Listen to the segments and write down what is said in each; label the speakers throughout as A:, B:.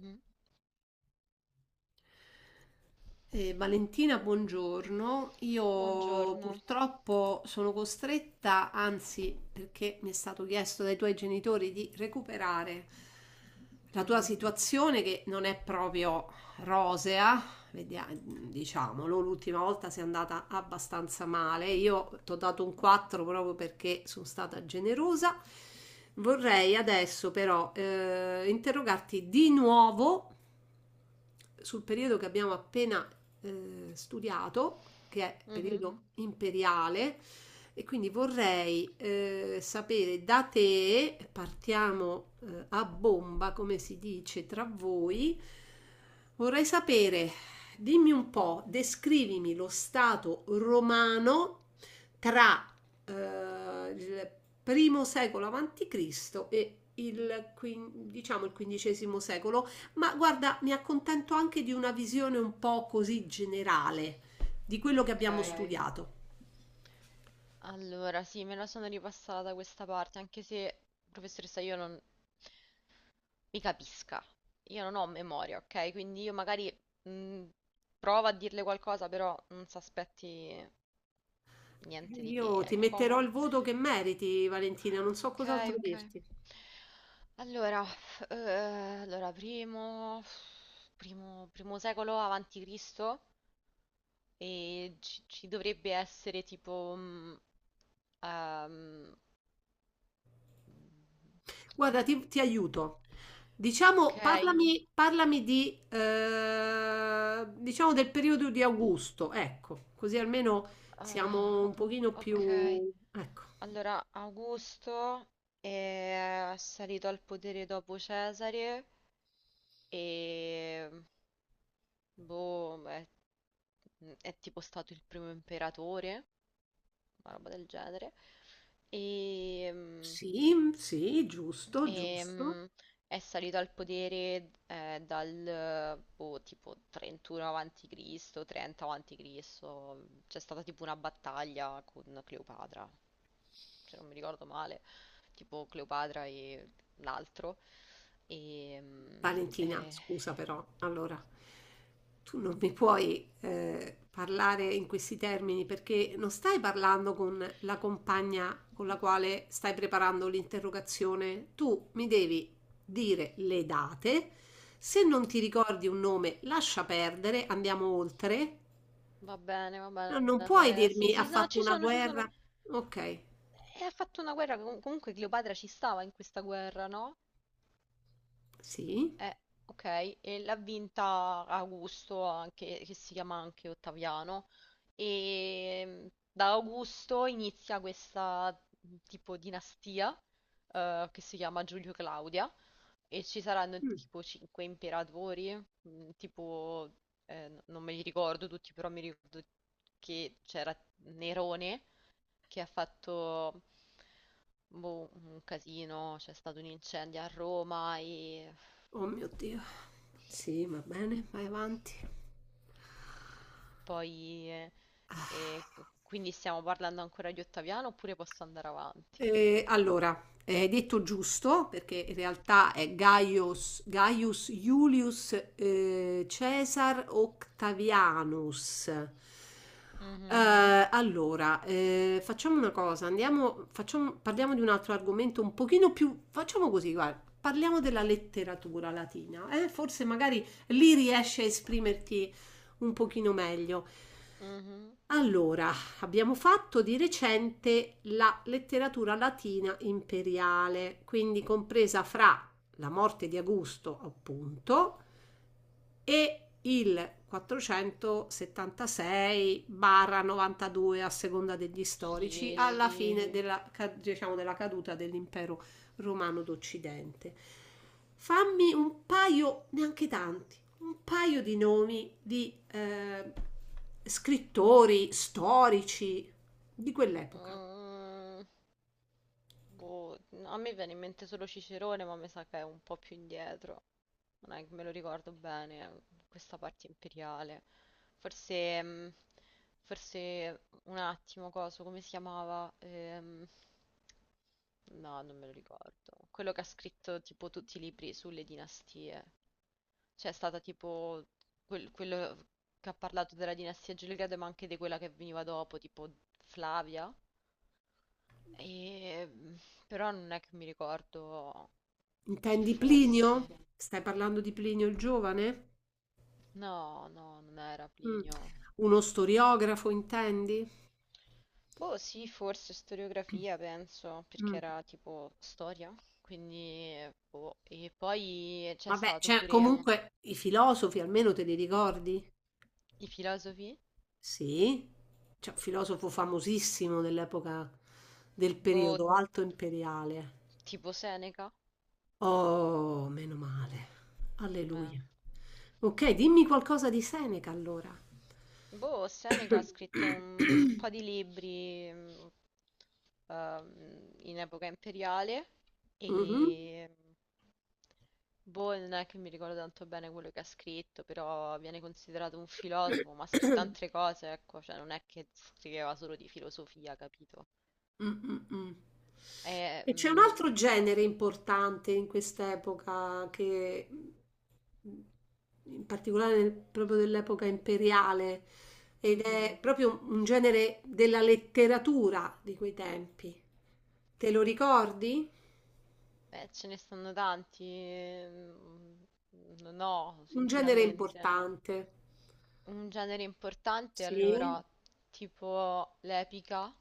A: Mm,
B: Valentina, buongiorno. Io
A: Buongiorno.
B: purtroppo sono costretta, anzi, perché mi è stato chiesto dai tuoi genitori di recuperare la tua
A: Mhm,
B: situazione che non è proprio rosea, diciamolo, l'ultima volta sei andata abbastanza male. Io ti ho dato un 4 proprio perché sono stata generosa. Vorrei adesso però interrogarti di nuovo sul periodo che abbiamo appena studiato, che è
A: mhm,
B: periodo imperiale, e quindi vorrei sapere da te, partiamo a bomba, come si dice tra voi, vorrei sapere, dimmi un po', descrivimi lo stato romano tra il primo secolo avanti Cristo e il, diciamo, il quindicesimo secolo. Ma guarda, mi accontento anche di una visione un po' così generale di quello che abbiamo, okay,
A: Ok.
B: studiato.
A: Allora, sì, me la sono ripassata da questa parte, anche se, professoressa, io non mi capisca. Io non ho memoria, ok? Quindi io magari mm, provo a dirle qualcosa, però non si aspetti niente di che,
B: Io ti
A: ecco.
B: metterò il voto che meriti, Valentina, non so
A: Ok,
B: cos'altro
A: ok.
B: dirti.
A: Allora, allora primo secolo avanti Cristo e ci dovrebbe essere tipo Ehm,
B: Guarda, ti aiuto. Diciamo,
A: ok,
B: parlami di, diciamo del periodo di Augusto, ecco, così almeno
A: ah,
B: siamo
A: o-
B: un pochino, ok,
A: ok.
B: più... Ecco,
A: Allora, Augusto è salito al potere dopo Cesare e boh, è tipo stato il primo imperatore, una roba del genere. E, mm,
B: sì, sì, giusto, giusto.
A: Ehm, è salito al potere dal boh, tipo 31 avanti Cristo, 30 avanti Cristo. C'è stata tipo una battaglia con Cleopatra, se non mi ricordo male, tipo Cleopatra e l'altro. E, mm,
B: Valentina,
A: eh,
B: scusa però, allora, tu non mi puoi parlare in questi termini perché non stai parlando con la compagna con la quale stai preparando l'interrogazione. Tu mi devi dire le date. Se non ti ricordi un nome, lascia perdere, andiamo oltre.
A: Va bene, va
B: No, non
A: bene.
B: puoi
A: Sì,
B: dirmi ha
A: sì, no,
B: fatto una
A: ci
B: guerra.
A: sono.
B: Ok,
A: E ha fatto una guerra, comunque Cleopatra ci stava in questa guerra, no?
B: sì.
A: Eh, ok, e l'ha vinta Augusto, anche, che si chiama anche Ottaviano, e mm, da Augusto inizia questa tipo dinastia che si chiama Giulio Claudia e ci saranno
B: Mm.
A: tipo cinque imperatori, mm, tipo non me li ricordo tutti, però mi ricordo che c'era Nerone che ha fatto boh, un casino, c'è stato un incendio a Roma e
B: Oh mio Dio. Sì, va bene, vai avanti.
A: poi, eh,
B: Ah.
A: quindi stiamo parlando ancora di Ottaviano oppure posso andare avanti?
B: Allora, hai detto giusto, perché in realtà è Gaius, Gaius Julius Caesar Octavianus.
A: Mhm,
B: Allora, facciamo una cosa, andiamo, parliamo di un altro argomento un pochino più... Facciamo così, guarda, parliamo della letteratura latina, eh? Forse magari lì riesci a esprimerti un pochino meglio.
A: mhm.
B: Allora, abbiamo fatto di recente la letteratura latina imperiale, quindi compresa fra la morte di Augusto, appunto, e il 476-92 a seconda degli storici
A: Sì,
B: alla
A: sì.
B: fine, sì, diciamo, della caduta dell'impero romano d'Occidente. Fammi un paio, neanche tanti, un paio di nomi di scrittori, storici di quell'epoca.
A: Mm, Boh, a me viene in mente solo Cicerone, ma mi sa che è un po' più indietro. Non è che me lo ricordo bene, questa parte imperiale. Forse, forse un attimo, coso, come si chiamava? No, non me lo ricordo. Quello che ha scritto tipo tutti i libri sulle dinastie. C'è stata tipo quello che ha parlato della dinastia Gelgrado, ma anche di quella che veniva dopo, tipo Flavia. E... mm, Però non è che mi ricordo chi
B: Intendi Plinio?
A: fosse.
B: Stai parlando di Plinio il giovane?
A: No, no, non era
B: Mm.
A: Plinio.
B: Uno storiografo, intendi?
A: Boh, sì, forse storiografia, penso, perché
B: Mm.
A: era tipo storia. Quindi, boh. E poi c'è
B: Vabbè,
A: stato
B: cioè, eh,
A: pure
B: comunque i filosofi almeno te li ricordi?
A: i filosofi,
B: Sì, c'è un filosofo famosissimo dell'epoca del
A: boh,
B: periodo alto imperiale.
A: tipo Seneca.
B: Oh, meno male.
A: Eh.
B: Alleluia. Ok, dimmi qualcosa di Seneca allora.
A: Boh, Seneca ha scritto un po' di libri in epoca imperiale
B: Mhm.
A: e boh, non è che mi ricordo tanto bene quello che ha scritto, però viene considerato un filosofo, ma ha scritto altre cose, ecco, cioè non è che scriveva solo di filosofia, capito?
B: Mm, mm, mm.
A: E,
B: E c'è un
A: mm,
B: altro genere importante in quest'epoca che, in particolare proprio dell'epoca imperiale, ed è
A: Mhm.
B: proprio un genere della letteratura di quei tempi. Te lo ricordi?
A: Ce ne stanno tanti, non ho,
B: Un genere
A: sinceramente.
B: importante.
A: Un genere importante
B: Sì.
A: allora, tipo l'epica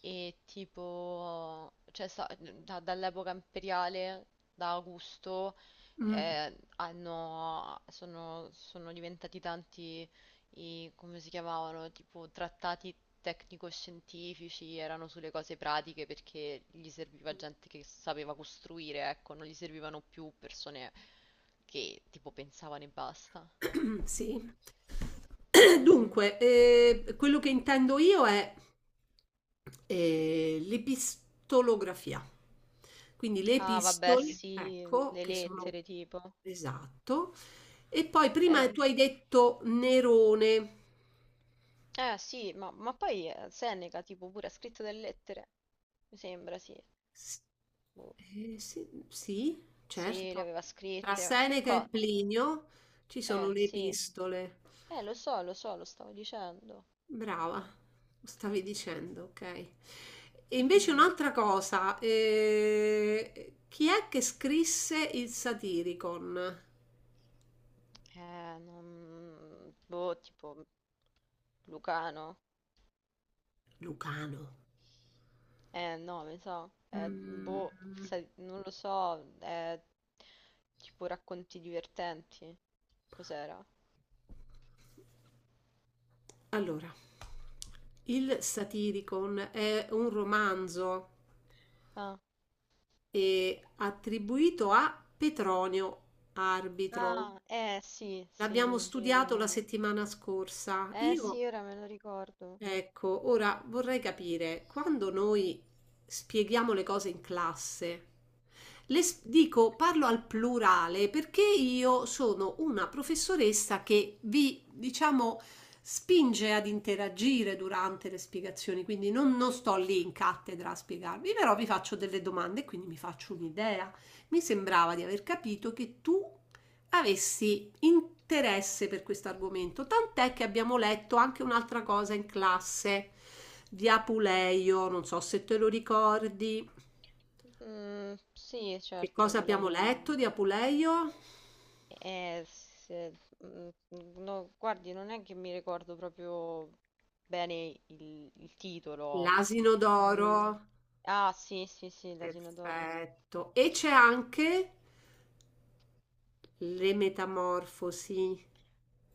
A: e tipo, cioè dall'epoca imperiale, da Augusto,
B: Mm.
A: sono, sono diventati tanti i, come si chiamavano, tipo trattati tecnico-scientifici, erano sulle cose pratiche perché gli serviva gente che sapeva costruire, ecco, non gli servivano più persone che tipo pensavano e basta.
B: Sì.
A: Mhm.
B: Dunque, quello che intendo io è l'epistolografia. Quindi le
A: Ah, vabbè,
B: epistole,
A: sì,
B: ecco,
A: le
B: che sono,
A: lettere tipo.
B: esatto. E poi prima
A: Eh,
B: tu hai detto Nerone.
A: eh sì, ma poi Seneca tipo pure ha scritto delle lettere. Mi sembra, sì.
B: S-
A: Boh.
B: sì, sì,
A: Sì, le
B: certo.
A: aveva
B: Tra
A: scritte. Che
B: Seneca e
A: cosa?
B: Plinio ci sono le
A: Sì.
B: epistole.
A: Lo so, lo so, lo stavo dicendo.
B: Brava, stavi dicendo, ok. E invece
A: Mhm.
B: un'altra cosa, chi è che scrisse il Satiricon?
A: Eh, non... Boh, tipo... Lucano?
B: Lucano.
A: No, mi sa.
B: Mm,
A: Boh, sai, non lo so. Tipo racconti divertenti. Cos'era?
B: allora, il Satiricon è un romanzo
A: Ah,
B: attribuito a Petronio Arbitro.
A: ah, eh sì, sì,
B: L'abbiamo
A: sì,
B: studiato
A: mo.
B: la settimana scorsa.
A: Eh
B: Io,
A: sì, ora me lo ricordo.
B: ecco, ora vorrei capire, quando noi spieghiamo le cose in classe, dico, parlo al plurale perché io sono una professoressa che vi, diciamo, spinge ad interagire durante le spiegazioni, quindi non, non sto lì in cattedra a spiegarvi, però vi faccio delle domande e quindi mi faccio un'idea. Mi sembrava di aver capito che tu avessi interesse per questo argomento, tant'è che abbiamo letto anche un'altra cosa in classe di Apuleio, non so se te lo ricordi.
A: Mm, sì,
B: Che
A: certo,
B: cosa
A: pure
B: abbiamo
A: io.
B: letto di Apuleio?
A: Eh, se- mm, no, guardi, non è che mi ricordo proprio bene il titolo.
B: L'asino d'oro,
A: Mm, ah, sì, sì, sì, l'asino d'oro.
B: perfetto. E c'è anche le metamorfosi.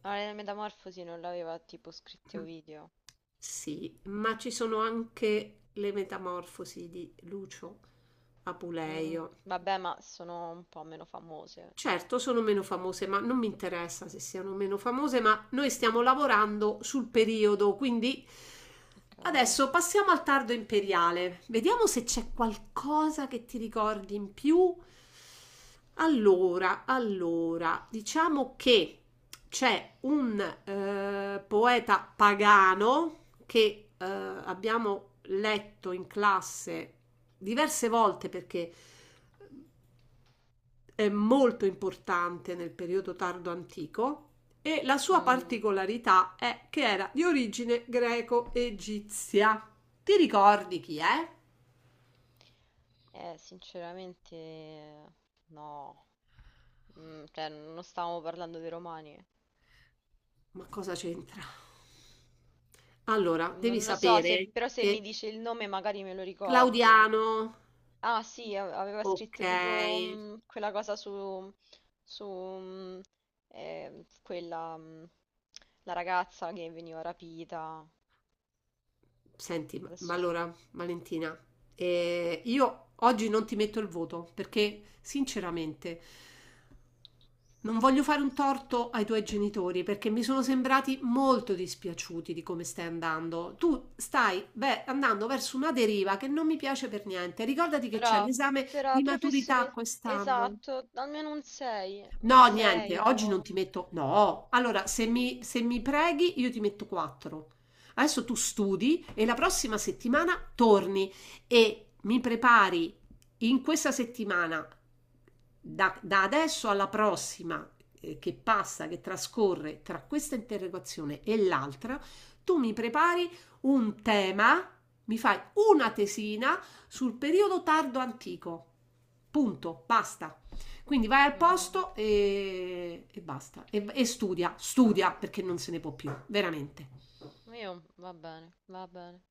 A: Ma la metamorfosi non l'aveva tipo scritto Ovidio.
B: Sì, ma ci sono anche le metamorfosi di Lucio, mm,
A: Mm,
B: Apuleio.
A: Vabbè, ma sono un po' meno famose.
B: Certo, sono meno famose, ma non mi interessa se siano meno famose, ma noi stiamo lavorando sul periodo, quindi
A: Ok.
B: adesso passiamo al tardo imperiale. Vediamo se c'è qualcosa che ti ricordi in più. Allora, allora, diciamo che c'è un poeta pagano che abbiamo letto in classe diverse volte perché è molto importante nel periodo tardo antico e la sua
A: Mm,
B: particolarità è che era di origine greco-egizia. Ti ricordi chi è?
A: Sinceramente, no. Mm, cioè, non stavamo parlando dei romani.
B: Ma cosa c'entra? Allora, devi
A: Non lo so, se-
B: sapere
A: però se mi
B: che
A: dice il nome magari me lo ricordo.
B: Claudiano,
A: Ah sì, aveva
B: ok.
A: scritto tipo quella cosa su, su quella, la ragazza che veniva rapita.
B: Senti, ma
A: Adesso-
B: allora, Valentina, io oggi non ti metto il voto perché, sinceramente, non voglio fare un torto ai tuoi genitori perché mi sono sembrati molto dispiaciuti di come stai andando. Tu stai, beh, andando verso una deriva che non mi piace per niente. Ricordati che c'è
A: Però,
B: l'esame
A: però,
B: di maturità
A: professore,
B: quest'anno.
A: esatto, almeno un 6, un
B: No, niente,
A: 6,
B: oggi
A: boh.
B: non ti metto. No, allora se mi preghi io ti metto 4. Adesso tu studi e la prossima settimana torni e mi prepari in questa settimana, da adesso alla prossima che passa, che trascorre tra questa interrogazione e l'altra, tu mi prepari un tema, mi fai una tesina sul periodo tardo antico. Punto, basta. Quindi vai al
A: Mm,
B: posto e basta. E studia, studia perché non se ne può più, veramente.
A: Io, va bene, va bene.